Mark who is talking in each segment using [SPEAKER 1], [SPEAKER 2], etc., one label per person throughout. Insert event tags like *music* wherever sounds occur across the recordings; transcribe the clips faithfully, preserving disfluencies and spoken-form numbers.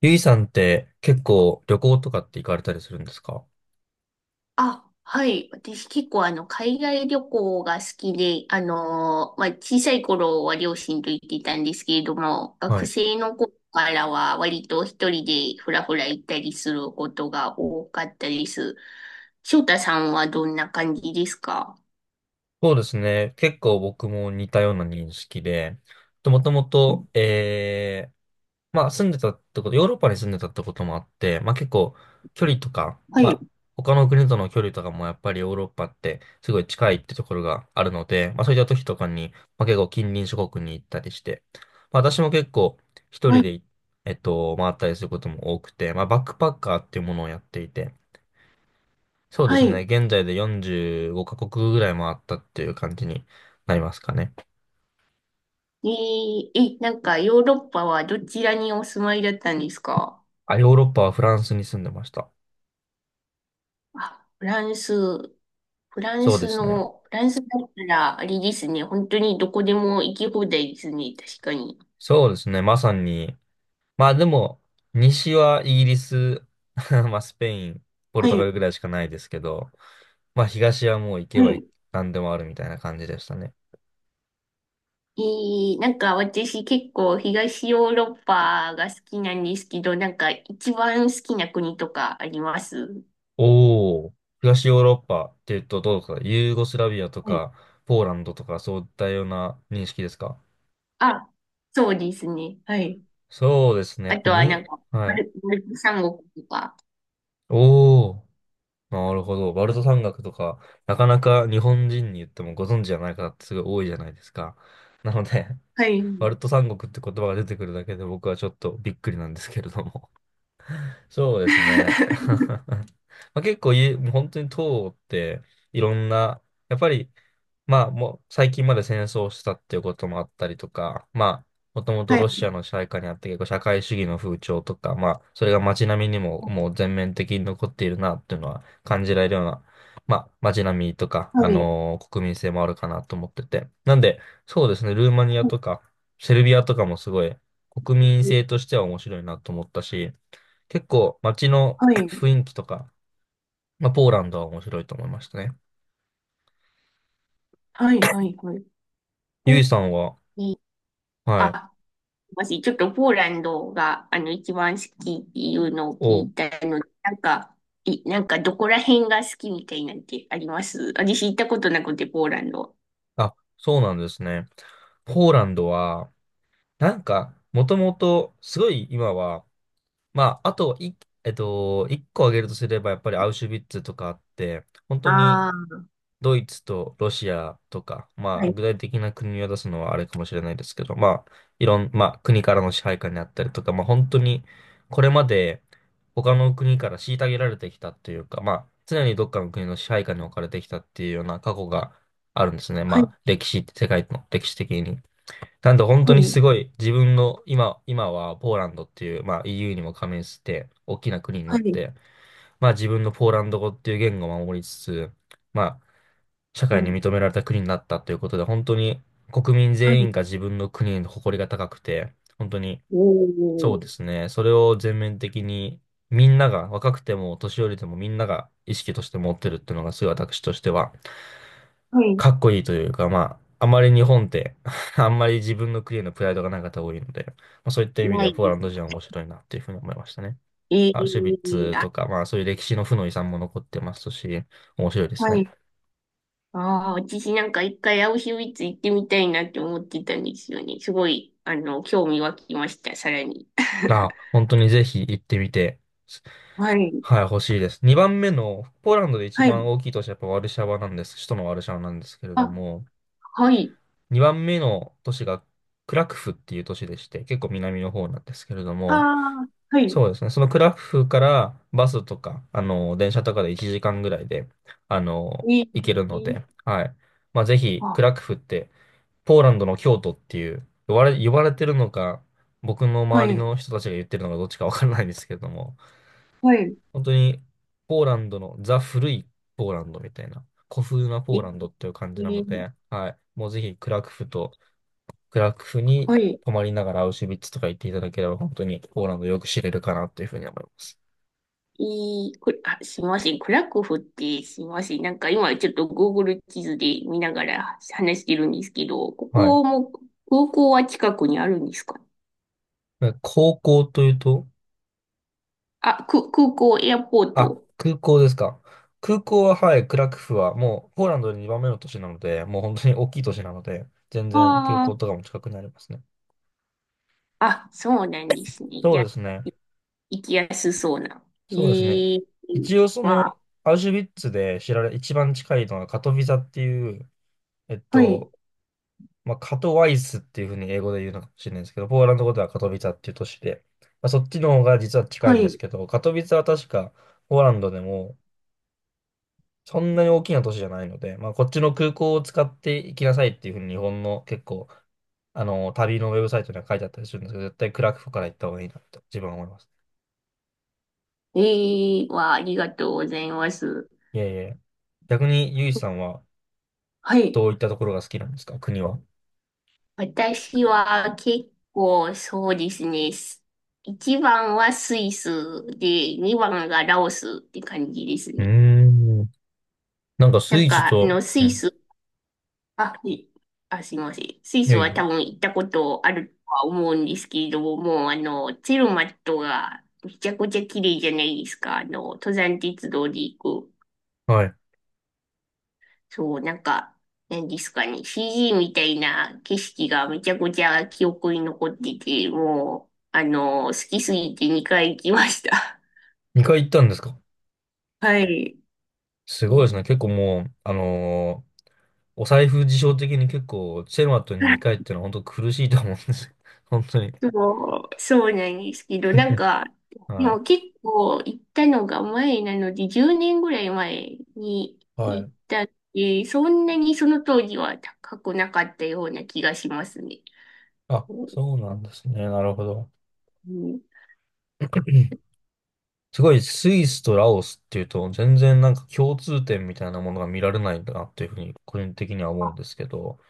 [SPEAKER 1] ゆいさんって結構旅行とかって行かれたりするんですか？
[SPEAKER 2] あ、はい。私結構あの、海外旅行が好きで、あのーまあ、小さい頃は両親と行っていたんですけれども、
[SPEAKER 1] は
[SPEAKER 2] 学
[SPEAKER 1] い。
[SPEAKER 2] 生の頃からは割と一人でふらふら行ったりすることが多かったです。翔太さんはどんな感じですか？
[SPEAKER 1] そうですね。結構僕も似たような認識で、もともと、えー、まあ住んでたってこと、ヨーロッパに住んでたってこともあって、まあ結構距離とか、
[SPEAKER 2] は
[SPEAKER 1] ま
[SPEAKER 2] い、
[SPEAKER 1] あ他の国との距離とかもやっぱりヨーロッパってすごい近いってところがあるので、まあそういった時とかに、まあ結構近隣諸国に行ったりして、まあ私も結構一
[SPEAKER 2] は
[SPEAKER 1] 人
[SPEAKER 2] い、
[SPEAKER 1] で、えっと、回ったりすることも多くて、まあバックパッカーっていうものをやっていて、そうで
[SPEAKER 2] は
[SPEAKER 1] すね。
[SPEAKER 2] い。
[SPEAKER 1] 現在でよんじゅうごカ国ぐらい回ったっていう感じになりますかね。
[SPEAKER 2] えーえ、なんかヨーロッパはどちらにお住まいだったんですか？
[SPEAKER 1] あ、ヨーロッパはフランスに住んでました。
[SPEAKER 2] あ、フランス。フラン
[SPEAKER 1] そうで
[SPEAKER 2] ス
[SPEAKER 1] すね。
[SPEAKER 2] の、フランスだったら、あれですね。本当にどこでも行き放題ですね。確かに。
[SPEAKER 1] そうですね。まさに。まあでも、西はイギリス、*laughs* まあスペイン、ポル
[SPEAKER 2] は
[SPEAKER 1] トガ
[SPEAKER 2] い。
[SPEAKER 1] ルぐらいしかないですけど、まあ東はもう行け
[SPEAKER 2] は
[SPEAKER 1] ば
[SPEAKER 2] い。
[SPEAKER 1] 何でもあるみたいな感じでしたね。
[SPEAKER 2] えー、なんか私結構東ヨーロッパが好きなんですけど、なんか一番好きな国とかあります？
[SPEAKER 1] おお。東ヨーロッパっていうとどうですか？ユーゴスラビアと
[SPEAKER 2] はい。
[SPEAKER 1] か、ポーランドとか、そういったような認識ですか？
[SPEAKER 2] あ、そうですね。はい。
[SPEAKER 1] そうですね。や
[SPEAKER 2] あ
[SPEAKER 1] っぱ
[SPEAKER 2] とはな
[SPEAKER 1] に、
[SPEAKER 2] んか、
[SPEAKER 1] は
[SPEAKER 2] バ
[SPEAKER 1] い。
[SPEAKER 2] ル、バルト三国とか。
[SPEAKER 1] おお。なるほど。バルト三国とか、なかなか日本人に言ってもご存知じゃない方ってすごい多いじゃないですか。なので、
[SPEAKER 2] は
[SPEAKER 1] *laughs* バ
[SPEAKER 2] い。
[SPEAKER 1] ルト三国って言葉が出てくるだけで僕はちょっとびっくりなんですけれども。*laughs* そうですね。*laughs*
[SPEAKER 2] *laughs*
[SPEAKER 1] まあ、結構い、もう本当に党っていろんな、やっぱり、まあもう最近まで戦争をしてたっていうこともあったりとか、まあもともと
[SPEAKER 2] は
[SPEAKER 1] ロ
[SPEAKER 2] い。
[SPEAKER 1] シアの支配下にあって結構社会主義の風潮とか、まあそれが街並みにももう全面的に残っているなっていうのは感じられるような、まあ街並みとか、
[SPEAKER 2] は
[SPEAKER 1] あ
[SPEAKER 2] い。
[SPEAKER 1] のー国民性もあるかなと思ってて。なんで、そうですね、ルーマニアとか、セルビアとかもすごい国民性としては面白いなと思ったし、結構街の
[SPEAKER 2] は
[SPEAKER 1] *coughs*
[SPEAKER 2] い。は
[SPEAKER 1] *laughs*
[SPEAKER 2] い。
[SPEAKER 1] 雰囲気とか、まあ、ポーランドは面白いと思いましたね。
[SPEAKER 2] はい。はい。はい。
[SPEAKER 1] ゆ
[SPEAKER 2] お、
[SPEAKER 1] いさんは、
[SPEAKER 2] いい。
[SPEAKER 1] はい、
[SPEAKER 2] あ、もし、ちょっとポーランドが、あの、一番好きっていうのを聞
[SPEAKER 1] お、
[SPEAKER 2] いたので、なんか、い、なんか、どこら辺が好きみたいなんてあります？私行ったことなくて、ポーランド。
[SPEAKER 1] あ、そうなんですね。ポーランドは、なんか、もともと、すごい今は、まあ、あとい、えっと、一個挙げるとすれば、やっぱりアウシュビッツとかあって、本当に
[SPEAKER 2] ああ、
[SPEAKER 1] ドイツとロシアとか、ま
[SPEAKER 2] は
[SPEAKER 1] あ、
[SPEAKER 2] い、
[SPEAKER 1] 具体的な国を出すのはあれかもしれないですけど、まあ、いろん、まあ、国からの支配下にあったりとか、まあ、本当に、これまで他の国から虐げられてきたというか、まあ、常にどっかの国の支配下に置かれてきたっていうような過去があるんですね。
[SPEAKER 2] はい、
[SPEAKER 1] まあ、歴史、世界の歴史的に。なんで、本当
[SPEAKER 2] は
[SPEAKER 1] に
[SPEAKER 2] い、
[SPEAKER 1] すごい、自分の、今、今はポーランドっていう、まあ、イーユー にも加盟して、大きな国にな
[SPEAKER 2] は
[SPEAKER 1] っ
[SPEAKER 2] い、
[SPEAKER 1] て、まあ自分のポーランド語っていう言語を守りつつ、まあ社
[SPEAKER 2] う
[SPEAKER 1] 会に
[SPEAKER 2] ん。
[SPEAKER 1] 認められた国になったということで、本当に国民
[SPEAKER 2] は
[SPEAKER 1] 全員
[SPEAKER 2] い、
[SPEAKER 1] が自分の国に誇りが高くて、本当に
[SPEAKER 2] お
[SPEAKER 1] そう
[SPEAKER 2] ー、
[SPEAKER 1] ですね、それを全面的にみんなが、若くても年寄りでもみんなが意識として持ってるっていうのがすごい私としては、
[SPEAKER 2] はい、
[SPEAKER 1] かっこいいというか、まあ、あまり日本って *laughs* あんまり自分の国へのプライドがない方多いので、まあ、そういった意味で
[SPEAKER 2] な
[SPEAKER 1] は
[SPEAKER 2] い
[SPEAKER 1] ポー
[SPEAKER 2] で
[SPEAKER 1] ラン
[SPEAKER 2] す。
[SPEAKER 1] ド人は面白いなっていうふうに思いましたね。
[SPEAKER 2] え
[SPEAKER 1] アウシュビッ
[SPEAKER 2] え。
[SPEAKER 1] ツ
[SPEAKER 2] あ、
[SPEAKER 1] とか、まあそういう歴史の負の遺産も残ってますし、面白いです
[SPEAKER 2] は
[SPEAKER 1] ね。
[SPEAKER 2] い。ああ、私なんか一回アウシュビッツ行ってみたいなって思ってたんですよね。すごい、あの、興味湧きました、さらに。
[SPEAKER 1] あ、
[SPEAKER 2] *laughs*
[SPEAKER 1] 本当にぜひ行ってみて、
[SPEAKER 2] はい、
[SPEAKER 1] はい、欲しいです。にばんめの、ポーランドで一
[SPEAKER 2] はい、
[SPEAKER 1] 番大きい都市はやっぱワルシャワなんです。首都のワルシャワなんですけ
[SPEAKER 2] *laughs*
[SPEAKER 1] れど
[SPEAKER 2] あ、
[SPEAKER 1] も、
[SPEAKER 2] はい。
[SPEAKER 1] にばんめの都市がクラクフっていう都市でして、結構南の方なんですけれど
[SPEAKER 2] あ
[SPEAKER 1] も、
[SPEAKER 2] あ、はい。
[SPEAKER 1] そうですね、そのクラクフからバスとか、あの、電車とかでいちじかんぐらいで、あの、
[SPEAKER 2] い、
[SPEAKER 1] 行けるの
[SPEAKER 2] い、
[SPEAKER 1] で、はい。まあ、ぜひ、ク
[SPEAKER 2] あ、
[SPEAKER 1] ラクフってポーランドの京都っていう、呼ばれ、呼ばれてるのか、僕の
[SPEAKER 2] は
[SPEAKER 1] 周り
[SPEAKER 2] い、
[SPEAKER 1] の人たちが言ってるのかどっちかわからないんですけれども、
[SPEAKER 2] はい、
[SPEAKER 1] 本当にポーランドのザ・古いポーランドみたいな、古風なポ
[SPEAKER 2] い、
[SPEAKER 1] ーランドっていう感じなの
[SPEAKER 2] い、
[SPEAKER 1] で、はい。もうぜひクラクフと、クラクフに
[SPEAKER 2] はい、
[SPEAKER 1] 泊まりながらアウシュビッツとか行っていただければ、本当にポーランドよく知れるかなというふうに思います。
[SPEAKER 2] い、く、あ、すみません。クラクフってすみません。なんか今ちょっと Google 地図で見ながら話してるんですけど、こ
[SPEAKER 1] はい。
[SPEAKER 2] こも空港は近くにあるんですか？
[SPEAKER 1] で高校というと、
[SPEAKER 2] あ、く、空港、エアポー
[SPEAKER 1] あ、
[SPEAKER 2] ト。
[SPEAKER 1] 空港ですか？空港は、はい、クラクフは、もう、ポーランドでにばんめの都市なので、もう本当に大きい都市なので、全然空
[SPEAKER 2] あ
[SPEAKER 1] 港
[SPEAKER 2] あ、
[SPEAKER 1] とかも近くにありますね。
[SPEAKER 2] あ、そうなんですね。い
[SPEAKER 1] そう
[SPEAKER 2] や、
[SPEAKER 1] ですね。
[SPEAKER 2] 行きやすそうな。
[SPEAKER 1] そうですね。
[SPEAKER 2] ええ。
[SPEAKER 1] 一応、そ
[SPEAKER 2] わ、
[SPEAKER 1] の、アウシュビッツで知られ、一番近いのがカトヴィザっていう、えっ
[SPEAKER 2] はい、
[SPEAKER 1] と、まあ、カトワイスっていうふうに英語で言うのかもしれないですけど、ポーランド語ではカトヴィザっていう都市で、まあ、そっちの方が実は近い
[SPEAKER 2] は
[SPEAKER 1] んで
[SPEAKER 2] い。
[SPEAKER 1] すけど、カトヴィザは確か、ポーランドでも、そんなに大きな都市じゃないので、まあ、こっちの空港を使って行きなさいっていうふうに日本の結構、あの、旅のウェブサイトには書いてあったりするんですけど、絶対クラクフから行った方がいいなと自分は思います。
[SPEAKER 2] ええ。わ、ありがとうございます。
[SPEAKER 1] いやいやいや。逆にゆいさんは
[SPEAKER 2] はい。
[SPEAKER 1] どういったところが好きなんですか？国は。
[SPEAKER 2] 私は結構そうですね。いちばんはスイスで、にばんがラオスって感じです
[SPEAKER 1] うー
[SPEAKER 2] ね。
[SPEAKER 1] ん。なんかス
[SPEAKER 2] なん
[SPEAKER 1] イス
[SPEAKER 2] か、あ
[SPEAKER 1] と、
[SPEAKER 2] の、ス
[SPEAKER 1] う
[SPEAKER 2] イ
[SPEAKER 1] ん。
[SPEAKER 2] ス、あ、いあ、すいません。スイ
[SPEAKER 1] い
[SPEAKER 2] ス
[SPEAKER 1] やい
[SPEAKER 2] は
[SPEAKER 1] や。
[SPEAKER 2] 多分行ったことあるとは思うんですけれども、もうあの、ツェルマットがめちゃくちゃ綺麗じゃないですか。あの、登山鉄道で行く。
[SPEAKER 1] はい。
[SPEAKER 2] そう、なんか、何ですかね、シージー みたいな景色がめちゃくちゃ記憶に残ってて、もう、あの、好きすぎてにかい行きました。
[SPEAKER 1] にかい行ったんですか？
[SPEAKER 2] *laughs* はい。
[SPEAKER 1] す
[SPEAKER 2] う
[SPEAKER 1] ごいです
[SPEAKER 2] ん。
[SPEAKER 1] ね。結構もう、あのーお財布事情的に結構、チェルマットににかいっていうのは本当苦しいと思うんですよ。*laughs* 本当に。*laughs*
[SPEAKER 2] そう、そうなんですけど、なんか、で
[SPEAKER 1] はい。
[SPEAKER 2] も結構行ったのが前なので、じゅうねんぐらい前に
[SPEAKER 1] は
[SPEAKER 2] 行
[SPEAKER 1] い。
[SPEAKER 2] ったって、そんなにその当時は高くなかったような気がしますね。
[SPEAKER 1] あ、
[SPEAKER 2] うん、
[SPEAKER 1] そうなんですね。なるほど。
[SPEAKER 2] うん。
[SPEAKER 1] *clears throat* すごいスイスとラオスっていうと、全然なんか共通点みたいなものが見られないんだなっていうふうに個人的には思うん
[SPEAKER 2] あ、
[SPEAKER 1] ですけど、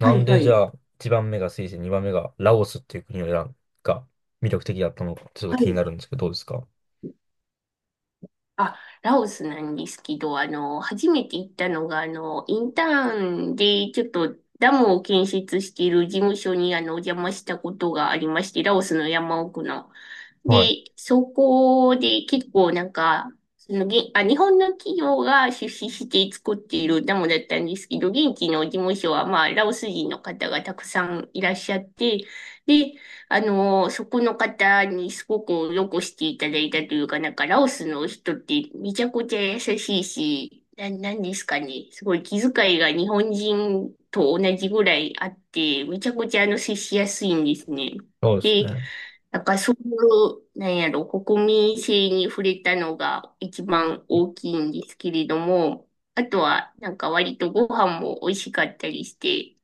[SPEAKER 2] は
[SPEAKER 1] ん
[SPEAKER 2] いは
[SPEAKER 1] でじ
[SPEAKER 2] い。
[SPEAKER 1] ゃあいちばんめがスイス、にばんめがラオスっていう国を選んが魅力的だったのか、ちょっと
[SPEAKER 2] は
[SPEAKER 1] 気に
[SPEAKER 2] い。
[SPEAKER 1] なるんですけど、どうですか？
[SPEAKER 2] あ、ラオスなんですけど、あの、初めて行ったのが、あの、インターンで、ちょっとダムを建設している事務所に、あの、お邪魔したことがありまして、ラオスの山奥の。
[SPEAKER 1] は
[SPEAKER 2] で、
[SPEAKER 1] い。
[SPEAKER 2] そこで結構なんか、その、げ、あ、日本の企業が出資して作っているダムだったんですけど、現地の事務所は、まあ、ラオス人の方がたくさんいらっしゃって、で、あの、そこの方にすごくよくしていただいたというか、なんかラオスの人ってめちゃくちゃ優しいし、な、なんですかね。すごい気遣いが日本人と同じぐらいあって、めちゃくちゃあの接しやすいんですね。
[SPEAKER 1] そうです
[SPEAKER 2] で、
[SPEAKER 1] ね。
[SPEAKER 2] なんかそういう、なんやろ、国民性に触れたのが一番大きいんですけれども、あとはなんか割とご飯も美味しかったりして、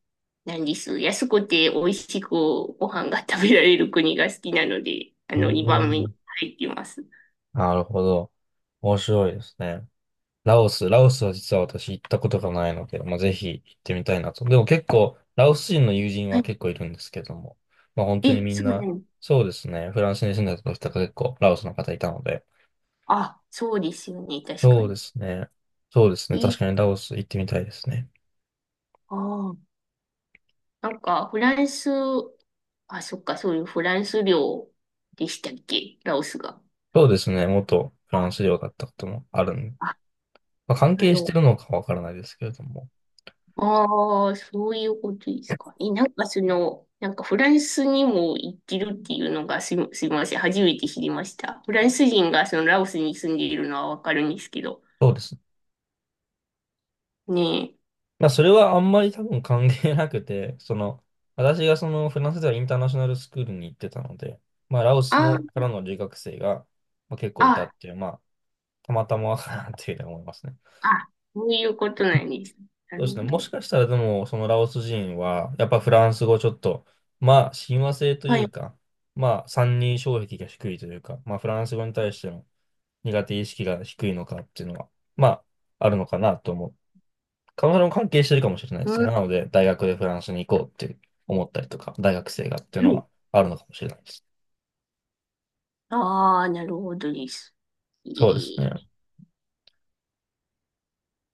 [SPEAKER 2] なんです。安くて美味しくご飯が食べられる国が好きなので、あ
[SPEAKER 1] うー
[SPEAKER 2] の、にばんめに
[SPEAKER 1] ん。
[SPEAKER 2] 入ってます。
[SPEAKER 1] なるほど。面白いですね。ラオス、ラオスは実は私行ったことがないので、まあ、ぜひ行ってみたいなと。でも結構、ラオス人の友人
[SPEAKER 2] は
[SPEAKER 1] は
[SPEAKER 2] い。
[SPEAKER 1] 結構いるんですけども、まあ本当に
[SPEAKER 2] え、
[SPEAKER 1] みん
[SPEAKER 2] そうな
[SPEAKER 1] な、
[SPEAKER 2] の。
[SPEAKER 1] そうですね、フランスに住んでた時とか結構ラオスの方いたので、
[SPEAKER 2] あ、そうですよね。確か
[SPEAKER 1] そうで
[SPEAKER 2] に。
[SPEAKER 1] すね、そうですね、
[SPEAKER 2] え、
[SPEAKER 1] 確かにラオス行ってみたいですね。
[SPEAKER 2] ああ、なんか、フランス、あ、そっか、そういうフランス領でしたっけ？ラオスが。
[SPEAKER 1] そうですね、元フラン
[SPEAKER 2] あ、
[SPEAKER 1] ス領だったこともあるんで、
[SPEAKER 2] あ、
[SPEAKER 1] まあ関
[SPEAKER 2] な
[SPEAKER 1] 係
[SPEAKER 2] る
[SPEAKER 1] して
[SPEAKER 2] ほ
[SPEAKER 1] るのかわからないですけれども、
[SPEAKER 2] ああ、そういうことですか。え、なんかその、なんかフランスにも行ってるっていうのがすみ、すみません。初めて知りました。フランス人がそのラオスに住んでいるのはわかるんですけど。
[SPEAKER 1] そうですね。
[SPEAKER 2] ねえ。
[SPEAKER 1] まあ、それはあんまり多分関係なくて、*laughs* その、私がそのフランスではインターナショナルスクールに行ってたので、まあ、ラオス
[SPEAKER 2] あ
[SPEAKER 1] のか
[SPEAKER 2] あ、
[SPEAKER 1] らの留学生が、まあ、結構いた
[SPEAKER 2] あ、
[SPEAKER 1] っていう、まあ、たまたまかなっていうふうに思いますね。
[SPEAKER 2] あ、そういうことなんです。な
[SPEAKER 1] そ
[SPEAKER 2] る
[SPEAKER 1] うです
[SPEAKER 2] ほ
[SPEAKER 1] ね。もし
[SPEAKER 2] ど。
[SPEAKER 1] かしたらでも、そのラオス人は、やっぱフランス語ちょっと、まあ、親和性と
[SPEAKER 2] は
[SPEAKER 1] いう
[SPEAKER 2] い。
[SPEAKER 1] か、まあ、三人障壁が低いというか、まあ、フランス語に対しての苦手意識が低いのかっていうのは、まあ、あるのかなと思う。彼女も関係してるかもしれないです
[SPEAKER 2] う
[SPEAKER 1] ね。
[SPEAKER 2] ん、
[SPEAKER 1] なので、大学でフランスに行こうって思ったりとか、大学生がっていう
[SPEAKER 2] は
[SPEAKER 1] の
[SPEAKER 2] い。
[SPEAKER 1] はあるのかもしれないです。
[SPEAKER 2] ああ、なるほどです。え
[SPEAKER 1] そうですね。
[SPEAKER 2] え